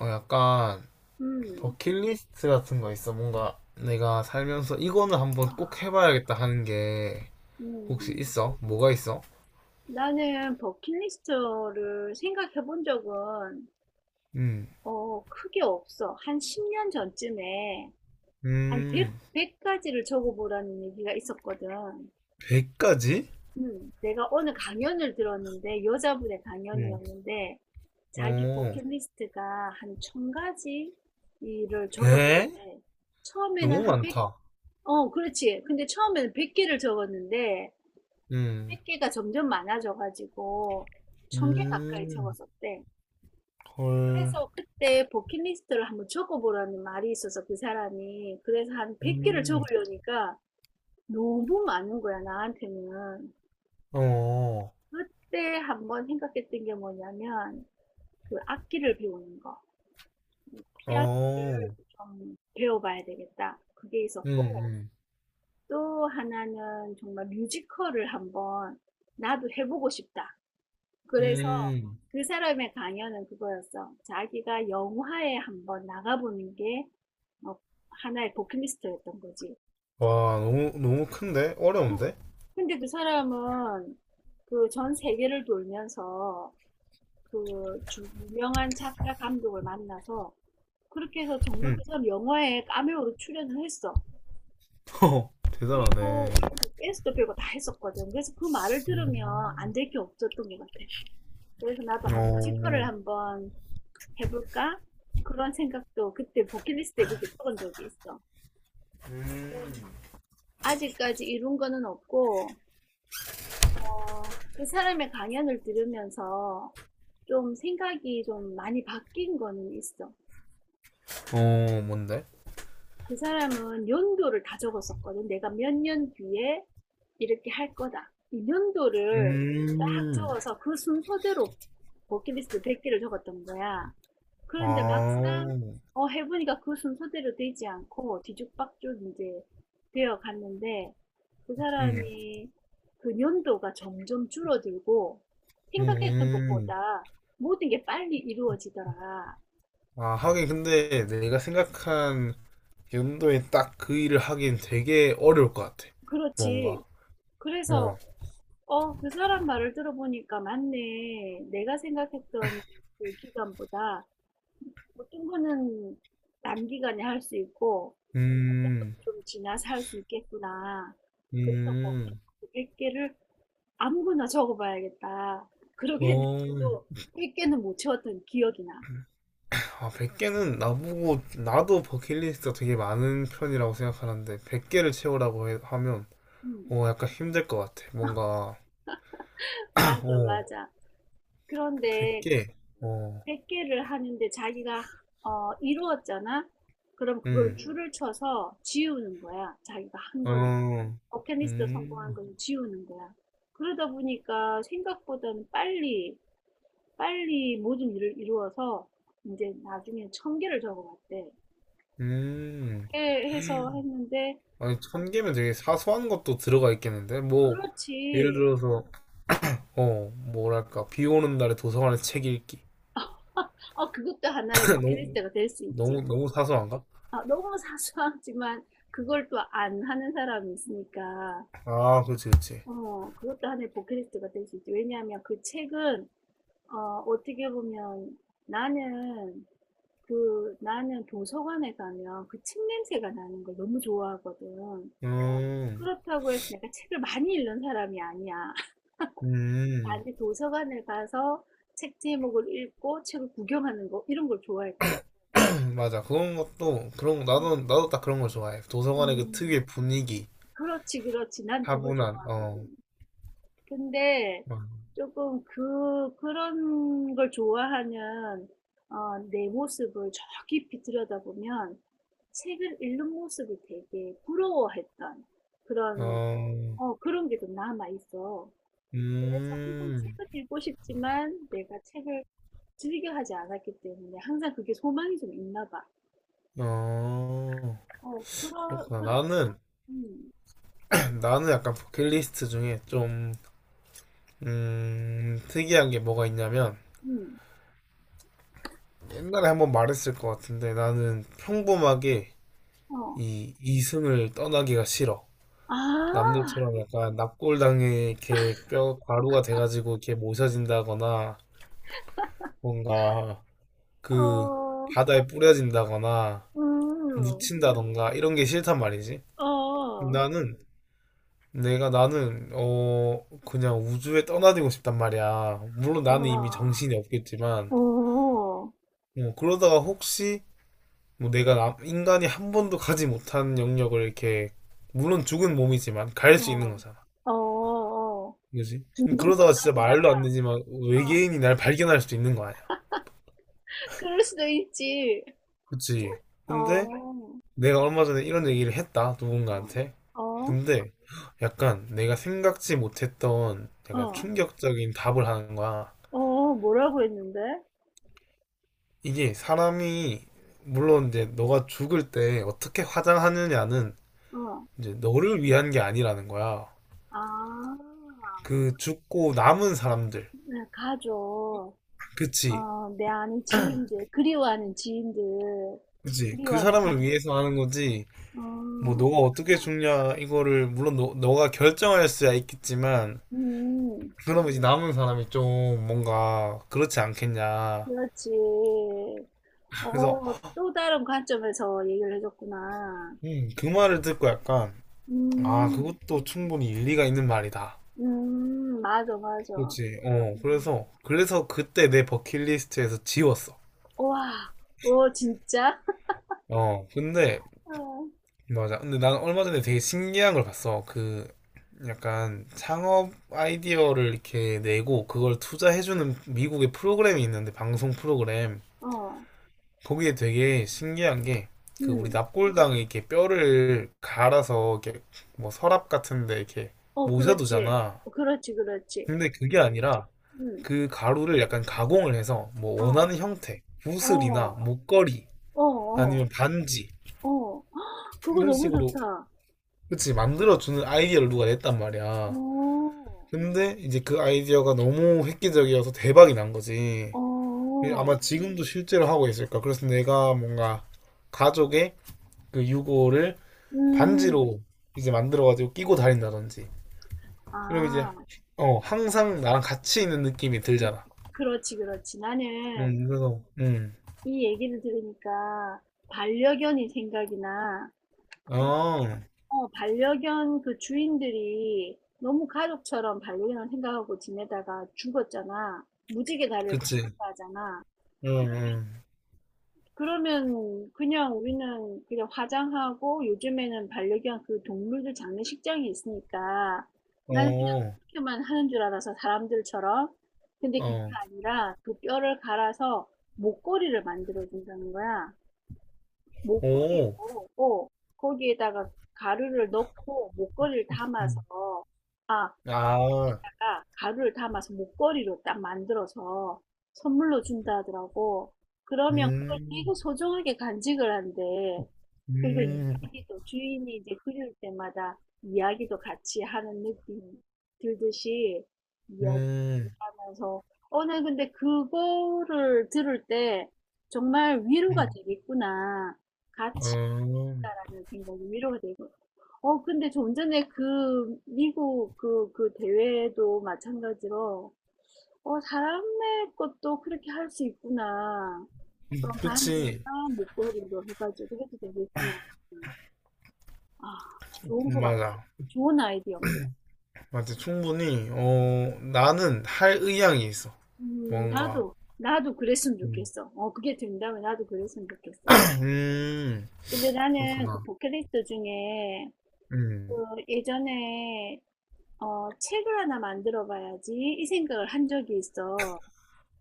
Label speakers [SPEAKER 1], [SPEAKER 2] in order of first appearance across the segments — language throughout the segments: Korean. [SPEAKER 1] 약간
[SPEAKER 2] 음.
[SPEAKER 1] 버킷리스트 같은 거 있어? 뭔가 내가 살면서 이거는 한번 꼭 해봐야겠다 하는 게 혹시
[SPEAKER 2] 음.
[SPEAKER 1] 있어? 뭐가 있어?
[SPEAKER 2] 나는 버킷리스트를 생각해 본 적은
[SPEAKER 1] 음,
[SPEAKER 2] 크게 없어. 한 10년 전쯤에 한
[SPEAKER 1] 음,
[SPEAKER 2] 100, 가지를 적어보라는 얘기가 있었거든.
[SPEAKER 1] 100가지?
[SPEAKER 2] 음. 내가 어느 강연을 들었는데 여자분의
[SPEAKER 1] 응.
[SPEAKER 2] 강연이었는데
[SPEAKER 1] 오,
[SPEAKER 2] 자기 버킷리스트가 한 1000가지 일을 적었대.
[SPEAKER 1] 예?
[SPEAKER 2] 처음에는
[SPEAKER 1] 너무
[SPEAKER 2] 한 백,
[SPEAKER 1] 많다.
[SPEAKER 2] 그렇지. 근데 처음에는 100개를 적었는데
[SPEAKER 1] 음,
[SPEAKER 2] 100개가 점점 많아져가지고 1000개 가까이
[SPEAKER 1] 음,
[SPEAKER 2] 적었었대.
[SPEAKER 1] 헐,
[SPEAKER 2] 그래서 그때 버킷리스트를 한번 적어보라는 말이 있어서 그 사람이 그래서 한 100개를
[SPEAKER 1] 음,
[SPEAKER 2] 적으려니까 너무 많은 거야 나한테는.
[SPEAKER 1] 어,
[SPEAKER 2] 그때 한번 생각했던 게 뭐냐면 그 악기를 배우는 거, 피아노를
[SPEAKER 1] 어,
[SPEAKER 2] 좀 배워봐야 되겠다. 그게
[SPEAKER 1] 음,
[SPEAKER 2] 있었고
[SPEAKER 1] 음,
[SPEAKER 2] 또 하나는 정말 뮤지컬을 한번 나도 해보고 싶다. 그래서
[SPEAKER 1] 음.
[SPEAKER 2] 그 사람의 강연은 그거였어. 자기가 영화에 한번 나가보는 게 어, 하나의 버킷리스트였던 거지.
[SPEAKER 1] 와, 너무 큰데?
[SPEAKER 2] 어,
[SPEAKER 1] 어려운데?
[SPEAKER 2] 근데 그 사람은 그 전 세계를 돌면서 유명한 작가 감독을 만나서 그렇게 해서 정말
[SPEAKER 1] 음,
[SPEAKER 2] 그 사람 영화에 카메오로 출연을 했어.
[SPEAKER 1] 허, 대단하네.
[SPEAKER 2] 그리고 댄스도 배우고 다 했었거든. 그래서 그 말을 들으면 안
[SPEAKER 1] 음,
[SPEAKER 2] 될 게 없었던 것 같아. 그래서 나도 아, 뮤지컬을
[SPEAKER 1] 어.
[SPEAKER 2] 한번 해볼까? 그런 생각도 그때 버킷리스트에 그렇게 적은 적이 있어.
[SPEAKER 1] 음.
[SPEAKER 2] 네. 아직까지 이룬 거는 없고, 그 사람의 강연을 들으면서 좀 생각이 좀 많이 바뀐 거는 있어.
[SPEAKER 1] 어, 뭔데?
[SPEAKER 2] 그 사람은 연도를 다 적었었거든. 내가 몇 년 뒤에 이렇게 할 거다. 이 연도를 딱
[SPEAKER 1] 음.
[SPEAKER 2] 적어서 그 순서대로 버킷리스트 100개를 적었던 거야. 그런데 막상
[SPEAKER 1] 아.
[SPEAKER 2] 해보니까 그 순서대로 되지 않고 뒤죽박죽 이제 되어 갔는데 그
[SPEAKER 1] 음.
[SPEAKER 2] 사람이 그 연도가 점점 줄어들고 생각했던
[SPEAKER 1] 음.
[SPEAKER 2] 것보다 모든 게 빨리 이루어지더라.
[SPEAKER 1] 아, 하긴. 근데 내가 생각한 연도에 딱 그 일을 하긴 되게 어려울 것 같아.
[SPEAKER 2] 그렇지.
[SPEAKER 1] 뭔가.
[SPEAKER 2] 그래서
[SPEAKER 1] 어.
[SPEAKER 2] 그 사람 말을 들어보니까 맞네. 내가 생각했던 그 기간보다 어떤 거는 단기간에 할 수 있고
[SPEAKER 1] 음.
[SPEAKER 2] 좀 지나서 할 수 있겠구나. 그래서 거기
[SPEAKER 1] 음.
[SPEAKER 2] 100개를 아무거나 적어봐야겠다. 그러게
[SPEAKER 1] 어.
[SPEAKER 2] 했는데도 100개는 못 채웠던 기억이 나.
[SPEAKER 1] 아, 100개는, 나보고 나도 버킷리스트가 되게 많은 편이라고 생각하는데 100개를 채우라고 하면
[SPEAKER 2] 음,
[SPEAKER 1] 어, 약간 힘들 것 같아. 뭔가.
[SPEAKER 2] 맞아,
[SPEAKER 1] 어.
[SPEAKER 2] 맞아. 그런데
[SPEAKER 1] 100개. 어.
[SPEAKER 2] 100개를 하는데 자기가 이루었잖아? 그럼 그걸
[SPEAKER 1] 음.
[SPEAKER 2] 줄을 쳐서 지우는 거야. 자기가 한 거는.
[SPEAKER 1] 어,
[SPEAKER 2] 버킷리스트 성공한
[SPEAKER 1] 음,
[SPEAKER 2] 거는 지우는 거야. 그러다 보니까 생각보다는 빨리 모든 일을 이루어서 이제 나중에 천 개를 적어봤대.
[SPEAKER 1] 음.
[SPEAKER 2] 게 해서 했는데
[SPEAKER 1] 아니,
[SPEAKER 2] 어,
[SPEAKER 1] 천 개면 되게 사소한 것도 들어가 있겠는데? 뭐, 예를
[SPEAKER 2] 그렇지.
[SPEAKER 1] 들어서, 어, 뭐랄까, 비 오는 날에 도서관에서 책 읽기.
[SPEAKER 2] 그것도 하나의
[SPEAKER 1] 너무,
[SPEAKER 2] 버킷리스트가 될 수 있지.
[SPEAKER 1] 너무 사소한가?
[SPEAKER 2] 아, 너무 사소하지만 그걸 또 안 하는 사람이 있으니까
[SPEAKER 1] 아, 그렇지, 그렇지.
[SPEAKER 2] 그것도 하나의 버킷리스트가 될 수 있지. 왜냐하면 그 책은 어, 어떻게 보면 나는 나는 도서관에 가면 그 책 냄새가 나는 걸 너무 좋아하거든.
[SPEAKER 1] 음,
[SPEAKER 2] 그렇다고 해서 내가 책을 많이 읽는 사람이 아니야.
[SPEAKER 1] 음.
[SPEAKER 2] 나는 도서관을 가서 책 제목을 읽고 책을 구경하는 거 이런 걸 좋아했거든.
[SPEAKER 1] 맞아. 그런 것도, 그런,
[SPEAKER 2] 음,
[SPEAKER 1] 나도, 나도 딱 그런 걸 좋아해. 도서관의 그
[SPEAKER 2] 음,
[SPEAKER 1] 특유의 분위기,
[SPEAKER 2] 그렇지, 그렇지. 난 그걸
[SPEAKER 1] 차분한, 어,
[SPEAKER 2] 좋아하거든. 근데
[SPEAKER 1] 막,
[SPEAKER 2] 조금 그런 걸 좋아하면, 내 모습을 저 깊이 들여다보면 책을 읽는 모습이 되게 부러워했던 그런,
[SPEAKER 1] 어,
[SPEAKER 2] 그런 게 좀 남아있어. 그래서 항상
[SPEAKER 1] 음,
[SPEAKER 2] 책을 읽고 싶지만 내가 책을 즐겨 하지 않았기 때문에 항상 그게 소망이 좀 있나 봐.
[SPEAKER 1] 어,
[SPEAKER 2] 어, 그러
[SPEAKER 1] 그렇구나.
[SPEAKER 2] 그래서 음.
[SPEAKER 1] 나는 약간 버킷리스트 중에 좀 특이한 게 뭐가 있냐면,
[SPEAKER 2] 음.
[SPEAKER 1] 옛날에 한번 말했을 것 같은데, 나는 평범하게
[SPEAKER 2] 어.
[SPEAKER 1] 이 이승을 떠나기가 싫어.
[SPEAKER 2] 아.
[SPEAKER 1] 남들처럼 약간 납골당에 이렇게 뼈 가루가 돼가지고 이렇게 모셔진다거나, 뭔가 그
[SPEAKER 2] 어.
[SPEAKER 1] 바다에 뿌려진다거나
[SPEAKER 2] 음.
[SPEAKER 1] 묻힌다던가 이런 게 싫단 말이지.
[SPEAKER 2] 어.
[SPEAKER 1] 나는, 내가 나는 어, 그냥 우주에 떠나들고 싶단 말이야. 물론 나는 이미
[SPEAKER 2] 와
[SPEAKER 1] 정신이 없겠지만,
[SPEAKER 2] 오.
[SPEAKER 1] 뭐 그러다가 혹시 뭐 내가 인간이 한 번도 가지 못한 영역을 이렇게, 물론 죽은 몸이지만 갈 수 있는
[SPEAKER 2] 어.
[SPEAKER 1] 거잖아.
[SPEAKER 2] 어어어.
[SPEAKER 1] 그지?
[SPEAKER 2] 둥둥
[SPEAKER 1] 그러다가 진짜 말도
[SPEAKER 2] 떠다니다가
[SPEAKER 1] 안 되지만
[SPEAKER 2] 어.
[SPEAKER 1] 외계인이 날 발견할 수도 있는 거 아니야.
[SPEAKER 2] 그럴 수도 있지.
[SPEAKER 1] 그치?
[SPEAKER 2] 어. 어.
[SPEAKER 1] 근데 내가 얼마 전에 이런 얘기를 했다, 누군가한테.
[SPEAKER 2] 어.
[SPEAKER 1] 근데 약간 내가 생각지 못했던 약간
[SPEAKER 2] 어.
[SPEAKER 1] 충격적인 답을 하는 거야.
[SPEAKER 2] 어 뭐라고 했는데?
[SPEAKER 1] 이게 사람이 물론 이제 너가 죽을 때 어떻게 화장하느냐는
[SPEAKER 2] 어.
[SPEAKER 1] 이제 너를 위한 게 아니라는 거야.
[SPEAKER 2] 아.
[SPEAKER 1] 그 죽고 남은 사람들.
[SPEAKER 2] 네 가족. 어,
[SPEAKER 1] 그치.
[SPEAKER 2] 내 아는 지인들, 그리워하는 지인들,
[SPEAKER 1] 그치. 그
[SPEAKER 2] 그리워하는
[SPEAKER 1] 사람을
[SPEAKER 2] 가족.
[SPEAKER 1] 위해서 하는 거지. 뭐,
[SPEAKER 2] 어,
[SPEAKER 1] 너가 어떻게 죽냐, 이거를, 물론 너가 결정할 수야 있겠지만,
[SPEAKER 2] 음,
[SPEAKER 1] 그러면 이제 남은 사람이 좀 뭔가 그렇지 않겠냐.
[SPEAKER 2] 그렇지.
[SPEAKER 1] 그래서,
[SPEAKER 2] 또 다른 관점에서 얘기를 해줬구나.
[SPEAKER 1] 그 말을 듣고 약간, 아,
[SPEAKER 2] 음,
[SPEAKER 1] 그것도 충분히 일리가 있는 말이다.
[SPEAKER 2] 맞아, 맞아.
[SPEAKER 1] 그렇지. 어,
[SPEAKER 2] 음,
[SPEAKER 1] 그래서 그때 내 버킷리스트에서 지웠어.
[SPEAKER 2] 와, 오, 진짜?
[SPEAKER 1] 어, 근데
[SPEAKER 2] 어,
[SPEAKER 1] 맞아. 근데 난 얼마 전에 되게 신기한 걸 봤어. 그 약간 창업 아이디어를 이렇게 내고 그걸 투자해주는 미국의 프로그램이 있는데, 방송 프로그램.
[SPEAKER 2] 어,
[SPEAKER 1] 거기에 되게 신기한 게, 그 우리
[SPEAKER 2] 음,
[SPEAKER 1] 납골당에 이렇게 뼈를 갈아서 이렇게 뭐 서랍 같은데 이렇게
[SPEAKER 2] 어, 그렇지.
[SPEAKER 1] 모셔두잖아.
[SPEAKER 2] 그렇지, 그렇지.
[SPEAKER 1] 근데 그게 아니라
[SPEAKER 2] 음,
[SPEAKER 1] 그 가루를 약간 가공을 해서 뭐
[SPEAKER 2] 어,
[SPEAKER 1] 원하는 형태,
[SPEAKER 2] 어,
[SPEAKER 1] 구슬이나 목걸이
[SPEAKER 2] 어, 어,
[SPEAKER 1] 아니면 반지
[SPEAKER 2] 어. 헉, 그거
[SPEAKER 1] 이런
[SPEAKER 2] 너무
[SPEAKER 1] 식으로,
[SPEAKER 2] 좋다.
[SPEAKER 1] 그치, 만들어주는 아이디어를 누가 냈단 말이야.
[SPEAKER 2] 어,
[SPEAKER 1] 근데 이제 그 아이디어가 너무 획기적이어서 대박이 난 거지. 그
[SPEAKER 2] 어.
[SPEAKER 1] 아마 지금도 실제로 하고 있을까. 그래서 내가 뭔가 가족의 그 유골을
[SPEAKER 2] 음.
[SPEAKER 1] 반지로 이제 만들어가지고 끼고 다닌다든지. 이러면 이제,
[SPEAKER 2] 아.
[SPEAKER 1] 어, 항상 나랑 같이 있는 느낌이 들잖아.
[SPEAKER 2] 그렇지, 그렇지. 나는
[SPEAKER 1] 그래서,
[SPEAKER 2] 이 얘기를 들으니까 반려견이 생각이나 그
[SPEAKER 1] 어,
[SPEAKER 2] 반려견 그 주인들이 너무 가족처럼 반려견을 생각하고 지내다가 죽었잖아. 무지개 다리를 건넜다
[SPEAKER 1] 그치.
[SPEAKER 2] 하잖아.
[SPEAKER 1] 응, 응.
[SPEAKER 2] 그러면 그냥 우리는 그냥 화장하고 요즘에는 반려견 그 동물들 장례식장이 있으니까 나는 그냥
[SPEAKER 1] 어,
[SPEAKER 2] 그렇게만 하는 줄 알아서 사람들처럼. 근데 그게
[SPEAKER 1] 어.
[SPEAKER 2] 아니라 그 뼈를 갈아서 목걸이를 만들어 준다는 거야.
[SPEAKER 1] 오.
[SPEAKER 2] 목걸이로 거기에다가 가루를 넣고 목걸이를 담아서
[SPEAKER 1] 음.
[SPEAKER 2] 아,
[SPEAKER 1] 아,
[SPEAKER 2] 다가 가루를 담아서 목걸이로 딱 만들어서 선물로 준다 하더라고. 그러면 그걸 되게
[SPEAKER 1] 음,
[SPEAKER 2] 소중하게 간직을 한대. 그리고
[SPEAKER 1] 음,
[SPEAKER 2] 이야기도 주인이 이제 그릴 때마다 이야기도 같이 하는 느낌 들듯이 이야기
[SPEAKER 1] 음,
[SPEAKER 2] 하면서 오늘 근데 그거를 들을 때 정말 위로가
[SPEAKER 1] 음.
[SPEAKER 2] 되겠구나. 같이
[SPEAKER 1] 어.
[SPEAKER 2] 있다라는 생각이 위로가 되고 근데 좀 전에 그 미국 그 대회도 마찬가지로, 사람의 것도 그렇게 할 수 있구나. 그럼
[SPEAKER 1] 그치.
[SPEAKER 2] 반지나 목걸이로 해가지고 해도 되겠구나. 아, 좋은 것 같아.
[SPEAKER 1] 맞아.
[SPEAKER 2] 좋은 아이디어인 것 같아.
[SPEAKER 1] 맞아. 충분히,
[SPEAKER 2] 음.
[SPEAKER 1] 어, 나는 할 의향이 있어. 뭔가.
[SPEAKER 2] 나도 그랬으면
[SPEAKER 1] 음,
[SPEAKER 2] 좋겠어. 그게 된다면 나도 그랬으면 좋겠어.
[SPEAKER 1] 음,
[SPEAKER 2] 근데 나는 그
[SPEAKER 1] 그렇구나.
[SPEAKER 2] 버킷리스트 중에 그
[SPEAKER 1] 음.
[SPEAKER 2] 예전에 책을 하나 만들어 봐야지 이 생각을 한 적이 있어.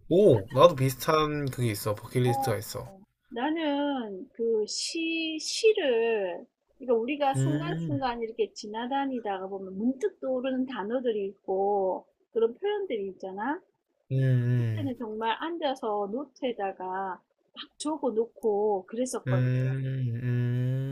[SPEAKER 1] 오, 나도 비슷한 그게 있어.
[SPEAKER 2] 어,
[SPEAKER 1] 버킷리스트가 있어.
[SPEAKER 2] 나는 시를, 그러니까 우리가
[SPEAKER 1] 음,
[SPEAKER 2] 순간순간 이렇게 지나다니다가 보면 문득 떠오르는 단어들이 있고 그런 표현들이 있잖아.
[SPEAKER 1] 음, 음,
[SPEAKER 2] 그때는 정말 앉아서 노트에다가 막 적어 놓고 그랬었거든.
[SPEAKER 1] 음,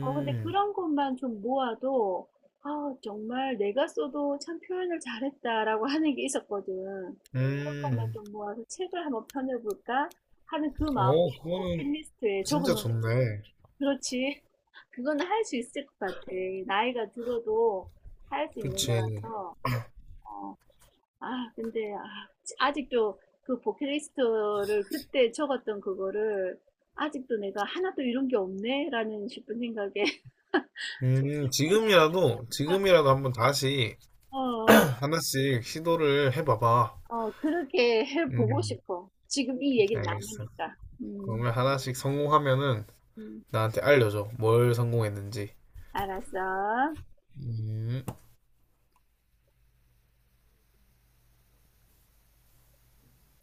[SPEAKER 2] 근데 그런 것만 좀 모아도, 아, 정말 내가 써도 참 표현을 잘했다라고 하는 게 있었거든. 그런 것만
[SPEAKER 1] 음.
[SPEAKER 2] 좀 모아서 책을 한번 펴내볼까 하는 그 마음이
[SPEAKER 1] 어,
[SPEAKER 2] 꼭
[SPEAKER 1] 그거는
[SPEAKER 2] 펜리스트에 적어
[SPEAKER 1] 진짜
[SPEAKER 2] 놓은 거
[SPEAKER 1] 좋네.
[SPEAKER 2] 그렇지. 그건 할 수 있을 것 같아. 나이가 들어도 할 수 있는
[SPEAKER 1] 그치.
[SPEAKER 2] 거라서. 어. 아, 근데 아, 아직도 그 버킷리스트를 그때 적었던 그거를 아직도 내가 하나도 이런 게 없네라는 싶은 생각에 좀 슬프네.
[SPEAKER 1] 지금이라도 한번 다시
[SPEAKER 2] 어, 어,
[SPEAKER 1] 하나씩 시도를 해봐봐.
[SPEAKER 2] 그렇게 해보고
[SPEAKER 1] 음,
[SPEAKER 2] 싶어. 지금 이 얘기를
[SPEAKER 1] 알겠어.
[SPEAKER 2] 나누니까. 음,
[SPEAKER 1] 그러면 하나씩 성공하면은
[SPEAKER 2] 음,
[SPEAKER 1] 나한테 알려줘. 뭘 성공했는지.
[SPEAKER 2] 알았어.
[SPEAKER 1] 음.